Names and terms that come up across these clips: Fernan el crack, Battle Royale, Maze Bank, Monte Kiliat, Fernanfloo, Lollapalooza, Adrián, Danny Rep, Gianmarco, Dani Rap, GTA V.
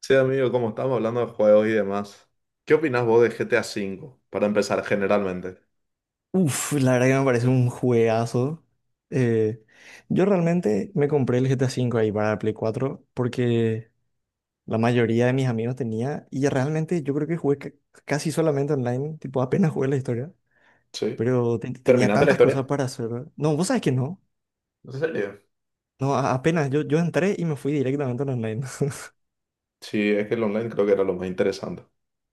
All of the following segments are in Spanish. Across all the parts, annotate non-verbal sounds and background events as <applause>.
Sí, amigo, como estamos hablando de juegos y demás, ¿qué opinás vos de GTA V? Para empezar, generalmente. Uf, la verdad que me parece un juegazo. Eh, yo realmente me compré el GTA V ahí para la Play 4 porque la mayoría de mis amigos tenía y realmente yo creo que jugué casi solamente online, tipo apenas jugué la historia, Sí. pero tenía ¿Terminaste la tantas cosas historia? para hacer. No, vos sabés que no. ¿En serio? No, apenas yo, entré y me fui directamente al online. <laughs> Sí, es que el online creo que era lo más interesante.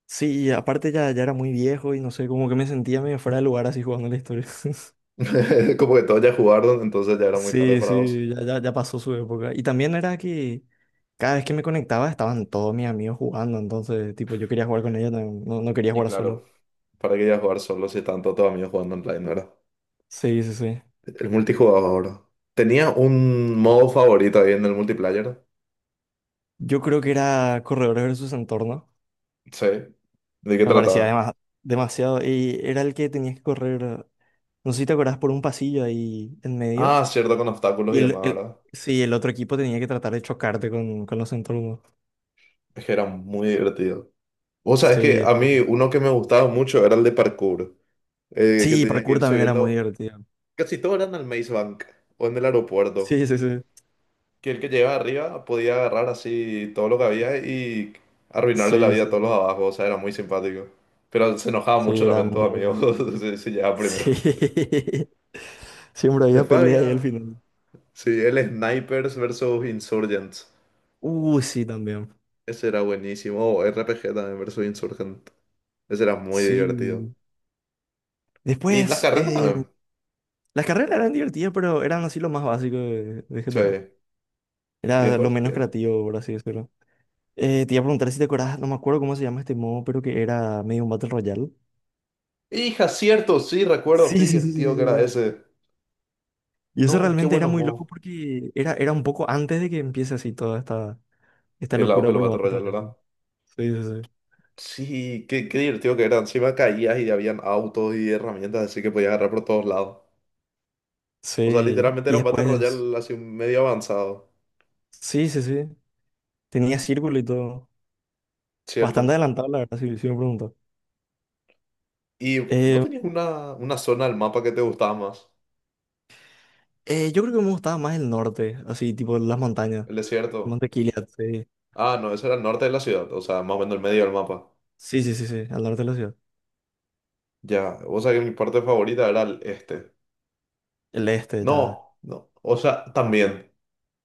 Sí, y aparte ya era muy viejo y no sé, como que me sentía medio fuera de lugar así jugando la historia. <laughs> <laughs> Como que todos ya jugaron, entonces ya era muy tarde Sí, para vos. sí, ya, ya, ya pasó su época. Y también era que cada vez que me conectaba estaban todos mis amigos jugando, entonces, tipo, yo quería jugar con ellos, no, no no quería Y jugar claro, solo. ¿para qué ya jugar solo si tanto todos amigos jugando online, verdad? Sí, sí, sí. El multijugador. ¿Tenía un modo favorito ahí en el multiplayer? Yo creo que era Corredores versus Entorno. Sí. ¿De qué Me parecía trataba? Demasiado. Y era el que tenías que correr, no sé si te acordás, por un pasillo ahí en medio. Ah, cierto, con obstáculos Y y demás, ¿verdad? sí, el otro equipo tenía que tratar de chocarte con los entornos. Es que era muy divertido. Vos sabés que Sí, a mí sí. uno que me gustaba mucho era el de parkour, que Sí, tenía que parkour ir también era muy subiendo, divertido. casi todo era en el Maze Bank o en el aeropuerto, Sí, sí, sí. que el que llegaba arriba podía agarrar así todo lo que había y arruinarle la Sí, vida a sí. todos los de abajo, o sea, era muy simpático. Pero se enojaba Sí, mucho era también todo, muy, muy amigo, divertido. <laughs> si llegaba primero. Sí, <laughs> siempre había Después pelea ahí al había, final. sí, el Snipers versus Insurgents, Sí, también. ese era buenísimo, o RPG también versus Insurgent, ese era muy divertido. Sí. Y las Después, carreras también, las carreras eran divertidas, pero eran así lo más básico de sí. GTA. ¿Y Era lo después, menos qué? creativo, por así decirlo. Te iba a preguntar si te acordás, no me acuerdo cómo se llama este modo, pero que era medio un Battle Royale. Hija, cierto, sí, recuerdo, qué Sí, sí, sí, sí, divertido sí, que era sí, sí. ese. Y eso No, qué realmente era buenos muy modos. loco porque era, un poco antes de que empiece así toda esta El auge locura de los por los Battle Battle Royale, ¿verdad? Royale. Sí, sí, sí. Sí, qué divertido que era. Encima caías y habían autos y herramientas, así que podías agarrar por todos lados. O sea, Sí, literalmente y era un Battle después. Royale así medio avanzado, Sí, sí, sí. Tenía círculo y todo. Bastante ¿cierto? adelantado, la verdad, si me preguntas. Y vos Eh, tenías una zona del mapa que te gustaba más, yo creo que me gustaba más el norte, así, tipo las montañas. el desierto. Monte Kiliat, sí. Ah, no, eso era el norte de la ciudad, o sea, más o menos el medio del mapa. Sí, sí, sí, sí, al norte de la ciudad. Ya, o sea que mi parte favorita era el este. El este, tal. No, no, o sea, también,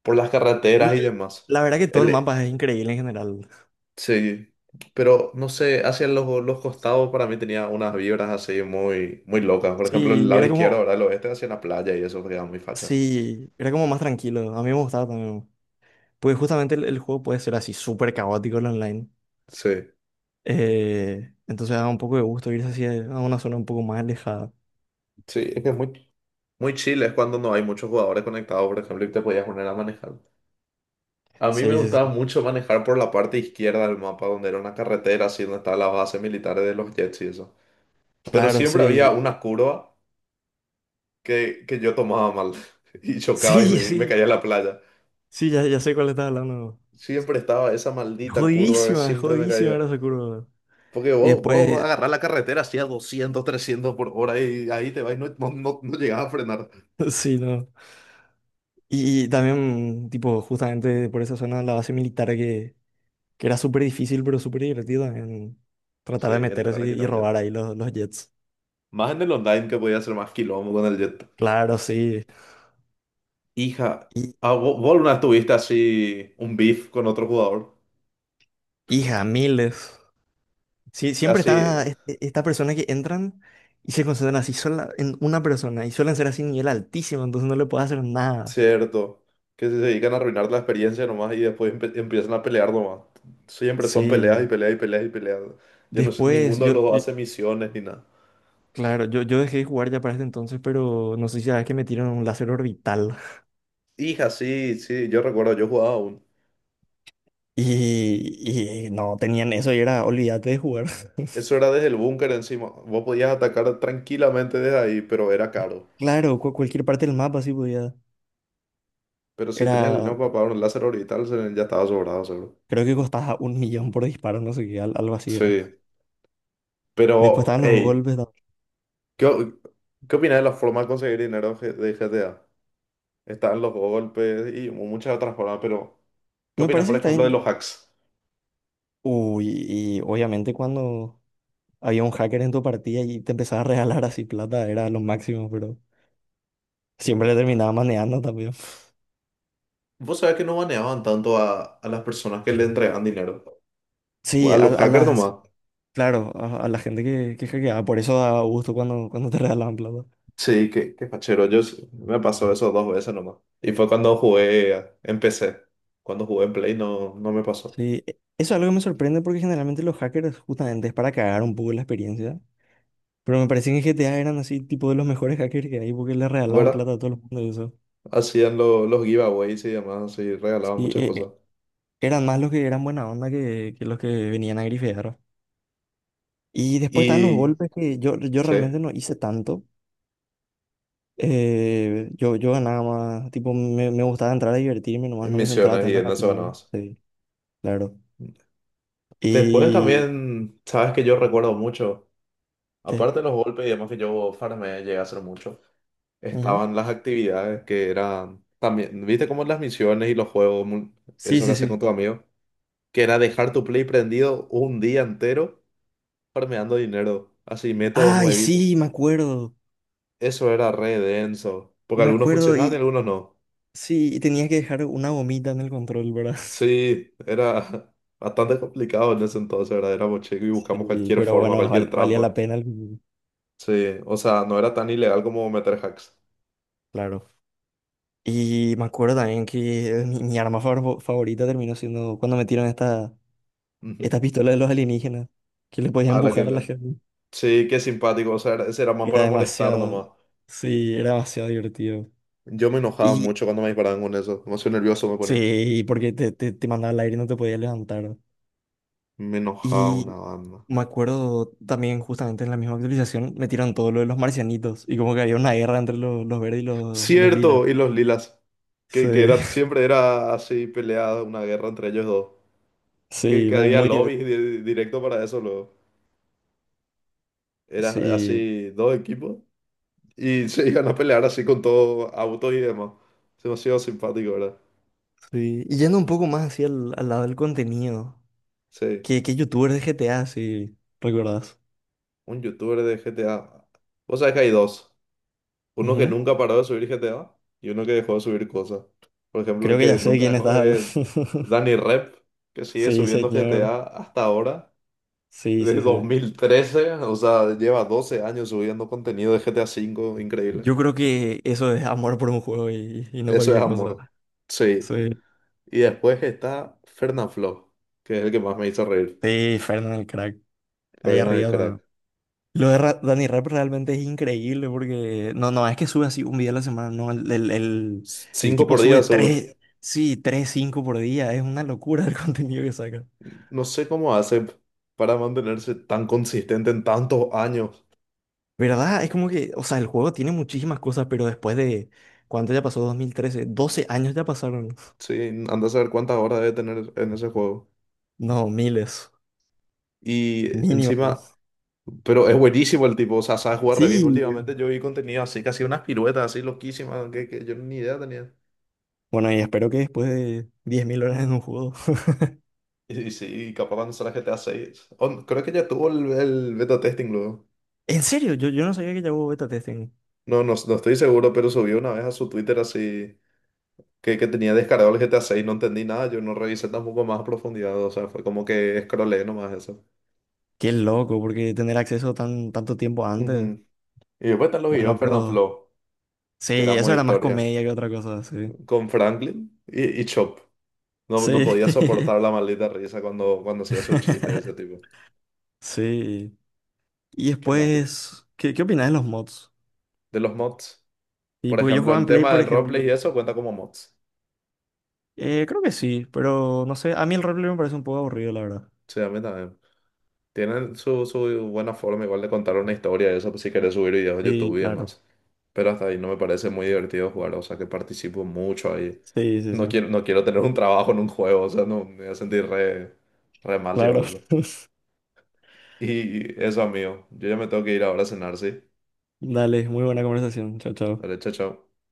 por las Y carreteras y demás. la verdad que todo el El, mapa es increíble en general. sí, pero no sé, hacia los costados para mí tenía unas vibras así muy, muy locas. Por ejemplo, el Sí, lado izquierdo, ahora el oeste, hacia la playa y eso queda muy facha. sí, era como más tranquilo. A mí me gustaba también. Porque justamente el juego puede ser así, súper caótico el online. Sí, Entonces da un poco de gusto irse así a una zona un poco más alejada. sí, es que es muy, muy chile, es cuando no hay muchos jugadores conectados, por ejemplo, y te podías poner a manejar. A mí me Sí, sí, sí. gustaba mucho manejar por la parte izquierda del mapa, donde era una carretera, así donde estaban las bases militares de los jets y eso. Pero Claro, siempre había sí. una curva que yo tomaba mal <laughs> y chocaba y Sí, me, y me sí. caía en la playa. Sí, ya, ya sé cuál estás hablando. Siempre estaba esa maldita curva, Jodidísima, siempre me jodidísima caía. era esa curva. Porque Y vos vas a después, agarrar la carretera así a 200, 300 por hora y ahí te vas y no, no, no, no llegás a frenar. <laughs> sí, no. Y también, tipo, justamente por esa zona, la base militar que era súper difícil, pero súper divertida en tratar Sí, de meterse entrar aquí y también, jet. robar ahí los jets. Más en el online que podía hacer más quilombo con el jet. Claro, sí. Hija, Y, ah, vos alguna vez tuviste así un beef con otro jugador. hija, miles. Sí, siempre Así, está esta persona que entran y se concentran así sola en una persona y suelen ser así nivel altísimo, entonces no le puedo hacer nada. cierto. Que se dedican a arruinar la experiencia nomás y después empiezan a pelear nomás. Siempre son peleas y Sí, peleas y peleas y peleas. Yo no sé, después ninguno de los dos yo. hace misiones ni nada. Claro, yo dejé de jugar ya para ese entonces, pero no sé si sabes que me tiraron un láser orbital Hija, sí, sí, yo recuerdo, yo jugaba aún. <laughs> Y no tenían eso y era olvídate de jugar. <laughs> Eso era desde el búnker encima. Vos podías atacar tranquilamente desde ahí, pero era caro. Claro, cualquier parte del mapa sí podía. Pero si tenías el Era, dinero para pagar un láser orbital, ya estaba sobrado, seguro. Creo que costaba un millón por disparo, no sé qué, algo así era. Sí, Después pero, estaban los hey, golpes. ¿Qué, o- qué opinas de la forma de conseguir dinero de GTA? Están los golpes y muchas otras formas, pero ¿qué Me opinas, parece por que está ejemplo, bien. de los hacks? Uy, y obviamente cuando había un hacker en tu partida y te empezaba a regalar así plata, era lo máximo, pero Qué siempre le gusto. terminaba manejando también. Vos sabés que no baneaban tanto a las personas que le entregaban dinero. Sí, A los a hackers las. nomás. Claro, a la gente que hackeaba, por eso da gusto cuando te <laughs> regalaban plata. Sí, qué fachero. Me pasó eso dos veces nomás. Y fue cuando jugué, en PC. Cuando jugué en Play no, no me pasó. Sí, eso es algo que me sorprende porque generalmente los hackers justamente es para cagar un poco la experiencia. Pero me parece que en GTA eran así, tipo de los mejores hackers que hay porque le regalaban ¿Verdad? plata a todo el mundo y eso. Hacían los giveaways y demás y regalaban Y muchas cosas. Eran más los que eran buena onda que los que venían a grifear. Y después estaban los Y golpes que yo sí, realmente no hice tanto. Yo ganaba más, tipo, me gustaba entrar a divertirme nomás, en no me centraba misiones y tanto en en la eso plata. ganabas. Sí, claro. Después Y. también, sabes que yo recuerdo mucho, ¿Qué? aparte de los golpes y demás que yo farmeé, llegué a hacer mucho, Ujú. estaban las actividades que eran también, viste como las misiones y los juegos, Sí, eso que sí, haces con sí. tu amigo que era dejar tu Play prendido un día entero farmeando dinero, así método Ay, nuevito. sí, me acuerdo. Eso era re denso, porque Me algunos acuerdo funcionaban y y algunos no. sí, y tenía que dejar una gomita en el control, ¿verdad? <laughs> Sí, era <laughs> bastante complicado en ese entonces, ¿verdad? Éramos chicos y buscamos Sí, cualquier pero forma, bueno, cualquier valía la trampa. pena, Sí, o sea, no era tan ilegal como meter hacks. claro. Y me acuerdo también que mi arma favorita terminó siendo cuando metieron esta Ujú. pistola de los alienígenas, que le podían A la que empujar a la gente. Sí, qué simpático, o sea, ese era más Era para molestar demasiado, nomás. sí, era demasiado divertido. Yo me enojaba Y mucho cuando me disparaban con eso, demasiado nervioso me ponía. sí, porque te mandaba al aire y no te podías levantar. Me enojaba una Y banda. me acuerdo también justamente en la misma actualización metieron todo lo de los marcianitos y como que había una guerra entre los verdes y los lilas. Cierto, y los lilas. Que Sí, era, <laughs> siempre era así peleada una guerra entre ellos dos. Que, sí, que muy, había muy lobbies divertido. directo para eso, luego. Era Sí, así dos equipos y <laughs> se iban a pelear así con todo autos y demás. Es demasiado simpático, ¿verdad? sí. Y yendo un poco más hacia al lado del contenido, Sí, qué youtubers de GTA, si recuerdas? un youtuber de GTA. Vos sabés que hay dos. Uno que Ujú. nunca paró de subir GTA y uno que dejó de subir cosas. Por ejemplo, el Creo que ya que sé nunca quién dejó está. es <laughs> Danny Rep, que sigue Sí, subiendo señor. GTA hasta ahora. Sí, De sí, dos sí. mil trece, o sea, lleva 12 años subiendo contenido de GTA V, increíble. Yo creo que eso es amor por un juego y no Eso es cualquier amor. cosa. Sí. Sí. Y después está Flo, que es el que más me hizo reír. Sí, Fernan el crack. Ahí Fernan el crack. arriba. Lo de Dani Rap realmente es increíble porque no, no es que sube así un video a la semana, no, el Cinco tipo por sube día sube. tres, sí, tres, cinco por día, es una locura el <laughs> contenido que saca. No sé cómo hace para mantenerse tan consistente en tantos años. ¿Verdad? Es como que, o sea, el juego tiene muchísimas cosas, pero después de, ¿cuánto ya pasó? 2013, 12 años ya pasaron. <laughs> Sí, anda a saber cuántas horas debe tener en ese juego. No, miles, Y mínimo. encima, pero es buenísimo el tipo, o sea, sabe jugar re bien. Sí. Últimamente yo vi contenido así, casi unas piruetas así loquísimas, que yo ni idea tenía. Bueno, y espero que después de 10.000 horas en un juego. <laughs> Y sí, capaz cuando sale GTA 6, creo que ya tuvo el beta testing luego. En serio, yo no sabía que ya hubo beta testing. No, no, no estoy seguro, pero subió una vez a su Twitter así que tenía descargado el GTA 6. No entendí nada, yo no revisé tampoco más a profundidad. O sea, fue como que scrollé nomás eso. Qué loco, porque tener acceso tanto tiempo antes. Ujú. Y después están los videos Bueno, pero. Fernanfloo, Sí, que era eso muy era más historia, comedia que otra cosa, sí. con Franklin y Chop. No, no Sí. podía soportar la maldita risa cuando hacía sus chistes de ese <laughs> tipo. Sí. Y Qué lástima. después, qué opinas de los mods? De los mods. Y Por porque yo ejemplo, jugaba el en Play, tema por del ejemplo. roleplay y eso cuenta como mods. Creo que sí, pero no sé, a mí el roleplay me parece un poco aburrido, la verdad. Sí, a mí también. Tienen su buena forma igual de contar una historia, y eso pues, si querés subir videos a YouTube Sí, y claro. demás. Pero hasta ahí no me parece muy divertido jugar, o sea que participo mucho ahí. Sí, sí, No sí. quiero, no quiero tener un trabajo en un juego, o sea, no me voy a sentir re, re mal si hago Claro. eso. <laughs> Y eso, amigo, yo ya me tengo que ir ahora a cenar, ¿sí? Dale, muy buena conversación. Chao, Dale, chao. chao, chao.